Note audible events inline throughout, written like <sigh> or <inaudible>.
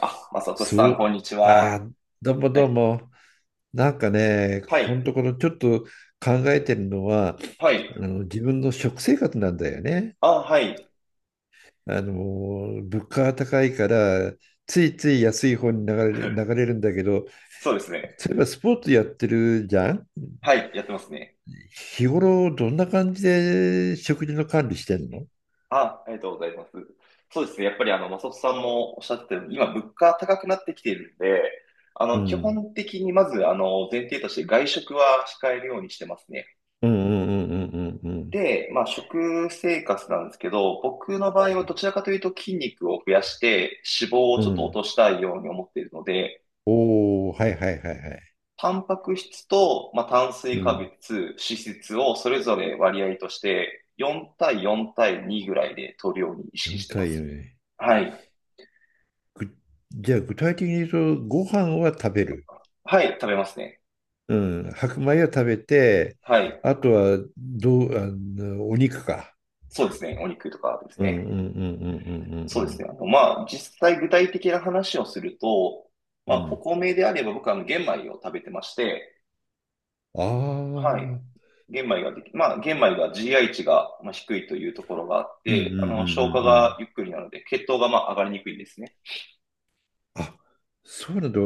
あ、まさとしさそん、こう、んにちあは。ー、どうもはどうい。も。なんかね、はここのい。ところちょっと考えてるのは、はい。あの自分の食生活なんだよね。あ、はい。あの、物価が高いから、ついつい安い方に流 <laughs> れるんだけど、そうですね。そういえばスポーツやってるじゃん。はい。やってますね。日頃どんな感じで食事の管理してんの？あ、ありがとうございます。そうですね。やっぱり、まさとしさんもおっしゃってたように、今、物価高くなってきているんで、う基ん。本的にまず、前提として外食は控えるようにしてますね。うんうんうんうんで、まあ、食生活なんですけど、僕の場合はどちらかというと筋肉を増やして、脂肪をうんうちょっん。うと落ん。としたいように思っているので、おお、はいはいはいはい。タンパク質と、まあ、炭水う化ん。物、脂質をそれぞれ割合として4対4対2ぐらいで取るように意識4してま対す。4。はい。ぐじゃあ具体的に言うと、ご飯は食べる。はい、食べますね。うん、白米は食べて、はい。あとはどう、お肉か。そうですね。お肉とかですうんうね。んうんうんそううですね。んまあ、実際具体的な話をすると、うんまうあ、ん。うおん。米であれば僕は玄米を食べてまして、ああ、うはい。ん玄米が GI 値がまあ低いというところがあっうんうんうて、んう消化がん。ゆっくりなので、血糖がまあ上がりにくいんですね。あ、そうなんだ。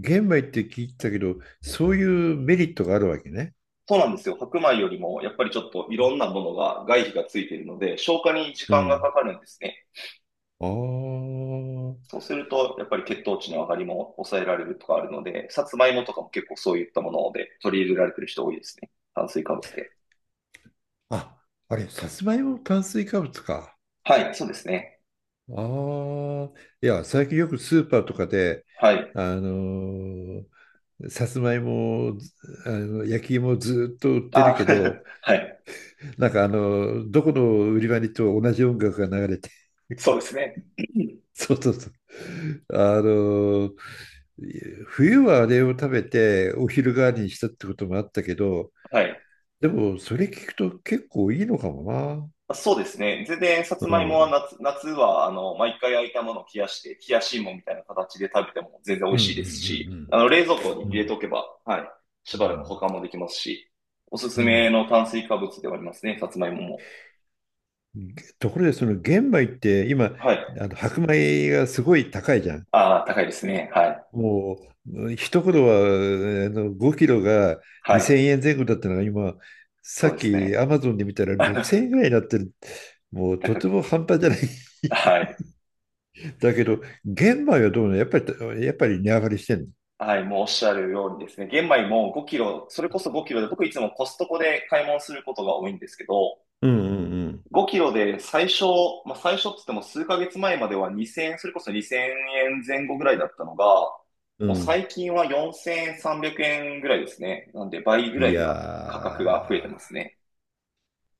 玄米って聞いてたけど、そういうメリットがあるわけね。そうなんですよ。白米よりも、やっぱりちょっといろんなものが、外皮がついているので、消化に時う間がん。かかるんですね。あそうすると、やっぱり血糖値の上がりも抑えられるとかあるので、さつまいもとかも結構そういったもので取り入れられてる人多いですね。炭水化物で。あ。あ、あれ、さつまいも炭水化物か。はい、そうですね。ああ、いや、最近よくスーパーとかで、はい。あのーさつまいも、ずあの焼き芋ずっと売ってるあ、けど、<laughs> はい。なんかどこの売り場に行っても同じ音楽が流れて、そうですね。<clears throat> <laughs> そうそうそう。あのー冬はあれを食べてお昼代わりにしたってこともあったけど、はい。でもそれ聞くと結構いいのかもな。あそうですね。全然、さつうまいん。もうはん夏は、毎回焼いたものを冷やして、冷やし芋みたいな形で食べても全然美味うしいですんし、冷蔵庫にうんうん。う入れんておけば、はい、しうばらく保ん管もできますし、おすすうめん。の炭水化物ではありますね、さつまいもも。ところでその玄米って今、はい。白米がすごい高いじゃん。ああ、高いですね。はい。もう一頃は5キロがは2000い。円前後だったのが、今さそうでっすね。きアマゾンで見たら6000 <laughs> 円ぐらいになってる。もうと高てく、も半端じゃない。 はい。<laughs> だけど玄米はどうなの？やっぱり値上がりしてんの？はい、もうおっしゃるようにですね、玄米も5キロ、それこそ5キロで、僕いつもコストコで買い物することが多いんですけど、うんうん5キロで最初っつっても数ヶ月前までは2000円、それこそ2000円前後ぐらいだったのが、うん。もううん。最近は4300円ぐらいですね。なんで倍ぐいらいやには価格が増えてー、ますね。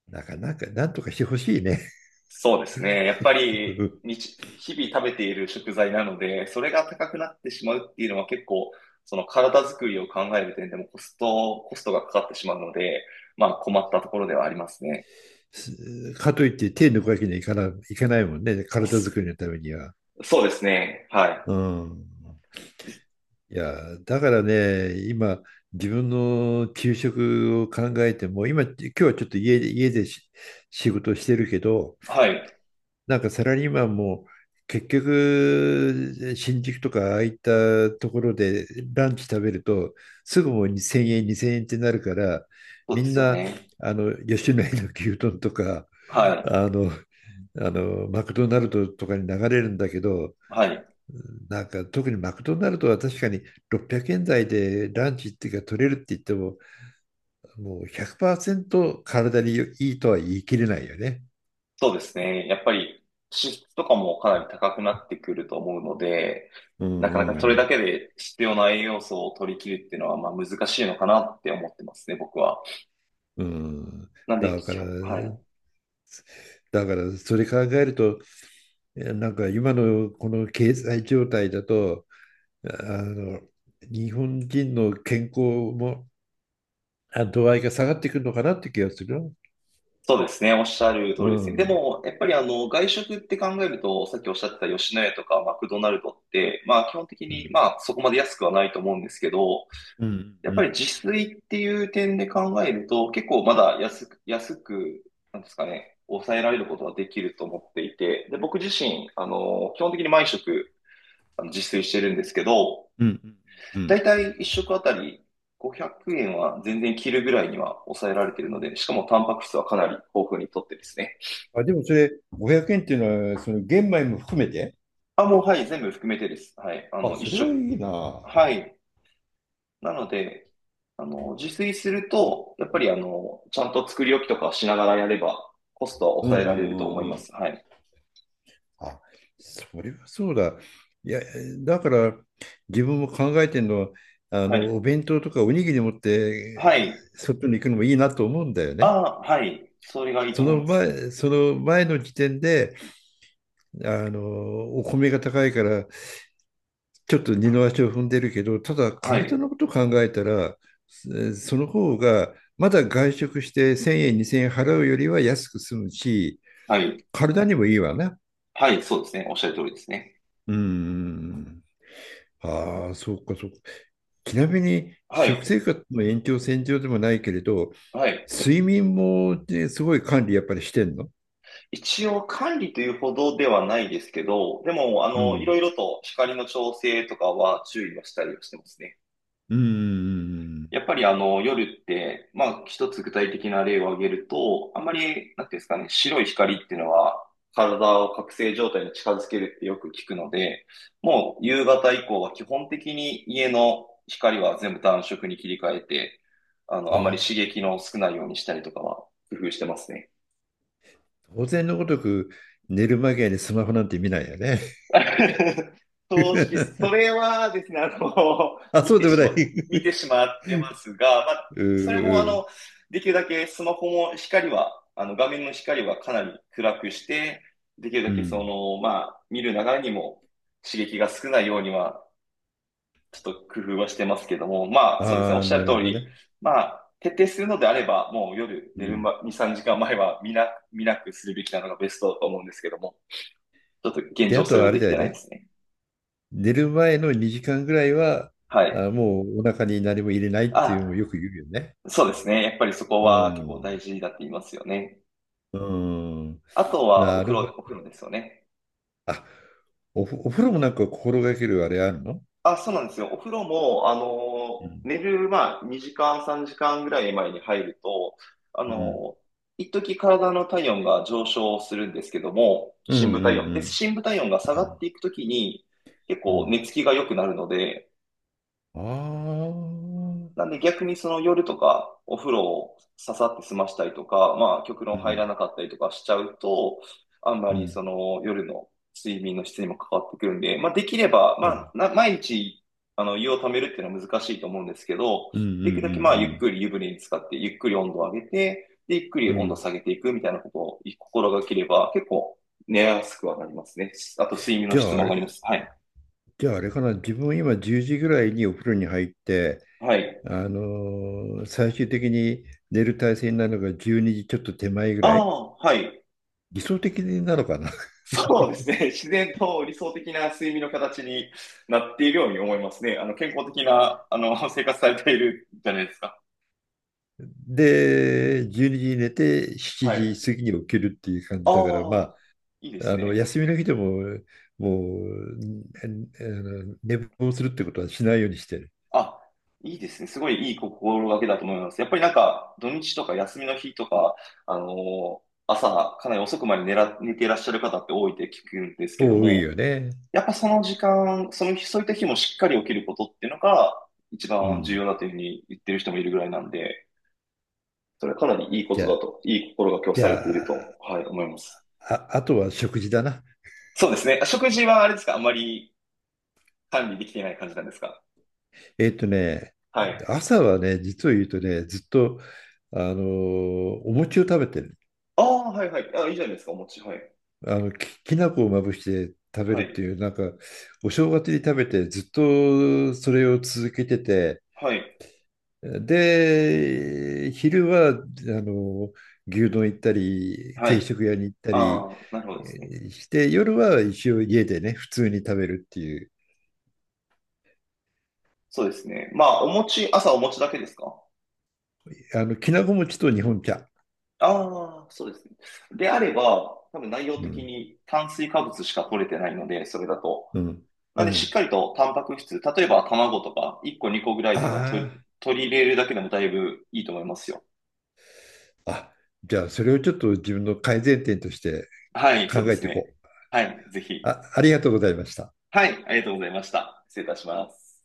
なかなかなんとかしてほしいね。そうですね。やっぱり <laughs> 日々食べている食材なので、それが高くなってしまうっていうのは結構、その体作りを考える点でもコストがかかってしまうので、まあ困ったところではありますね。かといって手抜くわけにはいかない、いかないもんね、体そ作りのためには。そうですね。はい。うん。いや、だからね、今、自分の給食を考えても、今日はちょっと家で仕事してるけど、はい。なんかサラリーマンも結局、新宿とかああいったところでランチ食べると、すぐもう2000円、2 0円ってなるから、そうみでんすよな、ね。吉野家の牛丼とか、はあの、マクドナルドとかに流れるんだけど、い。はい。なんか特にマクドナルドは確かに600円台でランチっていうか取れるって言っても、もう100%体にいいとは言い切れないよね。そうですね。やっぱり支出とかもかなり高くなってくると思うので、うなんかなかそれうだんけで必要な栄養素を取り切るっていうのは、まあ難しいのかなって思ってますね、僕は。うん。うん。なんで、だか基ら、本、はい。だからそれ考えると、なんか今のこの経済状態だと、あの日本人の健康も度合いが下がってくるのかなって気がするよ。そうですね。おっしゃる通うりですね。でん。も、やっぱり外食って考えると、さっきおっしゃってた吉野家とかマクドナルドって、まあ基本的うに、んまあそこまで安くはないと思うんですけど、うん、やうっぱりん、自炊っていう点で考えると、結構まだ安く、なんですかね、抑えられることはできると思っていて、で、僕自身、基本的に毎食、自炊してるんですけど、うん、うだん。いたい1食あたり500円は全然切るぐらいには抑えられているので、しかもタンパク質はかなり豊富にとってですね。あ、でもそれ、500円っていうのは、その玄米も含めて？あ、もうはい、全部含めてです。はい、あ、1それは食、いいな。はい、なので、自炊すると、やっぱりちゃんと作り置きとかしながらやれば、コストはう抑えんうられるとん思いうんうまん。す。はい。あ、それはそうだ。いや、だから、自分も考えてるのは、はい。お弁当とかおにぎり持って、はい。外に行くのもいいなと思うんだよあね。あ、はい。それがいいとそ思いのます。前、その前の時点で、あの、お米が高いから、ちょっと二の足を踏んでるけど、ただは体い。のことを考えたら、その方がまだ外食して1000円、2000円払うよりは安く済むし、はい。体にもいいわね。はい。そうですね。おっしゃる通りですね。うん。ああ、そうか、そうか。ちなみに、は食い。生活の延長線上でもないけれど、はい。睡眠も、ね、すごい管理やっぱりしてんの？一応管理というほどではないですけど、でも、ういん。ろいろと光の調整とかは注意はしたりはしてますね。うん。やっぱり夜って、まあ一つ具体的な例を挙げると、あんまり、なんていうんですかね、白い光っていうのは体を覚醒状態に近づけるってよく聞くので、もう夕方以降は基本的に家の光は全部暖色に切り替えて、ああんまり刺あ、激の少ないようにしたりとかは工夫してますね。当然のごとく寝る間際にスマホなんて見ないよね。<laughs> 正直、それ <laughs> はですね、<laughs> あ、見そうてでもしない。ま、見てしまってますが、まあ、うーそれもうできるだけスマホも光は、画面の光はかなり暗くして、できるうだけん。まあ、見る流れにも刺激が少ないようには、ちょっと工夫はしてますけども、まあ、そうですね、おあっあ、しゃなるるほ通どり、ね。まあ、徹底するのであれば、もう夜う寝るん。ま2、3時間前は見なくするべきなのがベストだと思うんですけども、ちょっと現で、状あそとれははあれできだてよないでね。すね。寝る前の2時間ぐらいは、はい。もうお腹に何も入れないっていうのをあ、よく言うよね。そうですね。やっぱりそこうは結構ん。大事だって言いますよね。うーん。あとはおな風るほど。呂、お風呂ですよね。あ、お風呂もなんか心がけるあれあるの？あ、そうなんですよ。お風呂も、うん。寝る、まあ、2時間、3時間ぐらい前に入ると、あうんの、一時体の体温が上昇するんですけども、うんう深部体温。ん。うで、ん。深部体温がう下がっん。ていくときに、結う構寝ん。つきが良くなるので、あなんあ。で逆にその夜とかお風呂をささって済ましたりとか、まあ極う論入ん。らなかったりとかしちゃうと、あんまうりそん。の夜の睡眠の質にも関わってくるんで、まあできれば、うまあん。な毎日湯をためるっていうのは難しいと思うんですけど、うん。うできるだけまあゆっん。くり湯船に浸かって、ゆっくり温度を上げて、で、ゆっくうりん。う温度をん。下げていくみたいなことを心がければ結構寝やすくはなりますね。あと睡眠のじゃ質あ、もあ上がれ、ります。はい。じゃああれかな、自分今10時ぐらいにお風呂に入って、はい。最終的に寝る体勢になるのが12時ちょっと手前ぐあらい、あ、はい。理想的なのかな。<laughs> そうですね。<laughs> 自然と理想的な睡眠の形になっているように思いますね。健康的な、<laughs> 生活されているじゃないですか。で、12時にじに寝て7はい。時過ぎに起きるっていう感じだから、まああ、あ、いいですあのね。休みの日でももう、えあの寝坊するってことはしないようにしてる。あ、いいですね。すごいいい心がけだと思います。やっぱりなんか、土日とか休みの日とか、あの朝、かなり遅くまで寝ていらっしゃる方って多いって聞くんですけど多いも、よね。やっぱその時間、その日、そういった日もしっかり起きることっていうのが、一う番重ん。要だというふうに言ってる人もいるぐらいなんで、それはかなりいいこじとゃだあ、と、いい心がけをじさゃれていると、あ、はい、思います。あ、あとは食事だな。そうですね。食事はあれですか？あんまり管理できていない感じなんですか？えっとね、はい。朝はね、実を言うとね、ずっと、お餅を食べてる。ああ、はいはい。あ、いいじゃないですか、お餅。はい。きな粉をまぶして食べはるっい。ていう、なんか、お正月に食べて、ずっとそれを続けてて、はい。で、昼は、の牛丼行ったり、は定い。食屋に行ったり、ああ、なるほどですね。して、夜は一応家でね、普通に食べるっていう、そうですね。まあ、お餅、朝お餅だけですか？きなこ餅と日本茶。ああ、そうですね。であれば、多分内容う的ん、に炭水化物しか取れてないので、それだと。うん、なうんで、しっん。かりとタンパク質、例えば卵とか1個2個ぐらいあでも取り、あ。取り入れるだけでもだいぶいいと思いますよ。あ、じゃあ、それをちょっと自分の改善点としてはい、そ考うでえすていね。こう。はい、ぜひ。あ、ありがとうございました。はい、ありがとうございました。失礼いたします。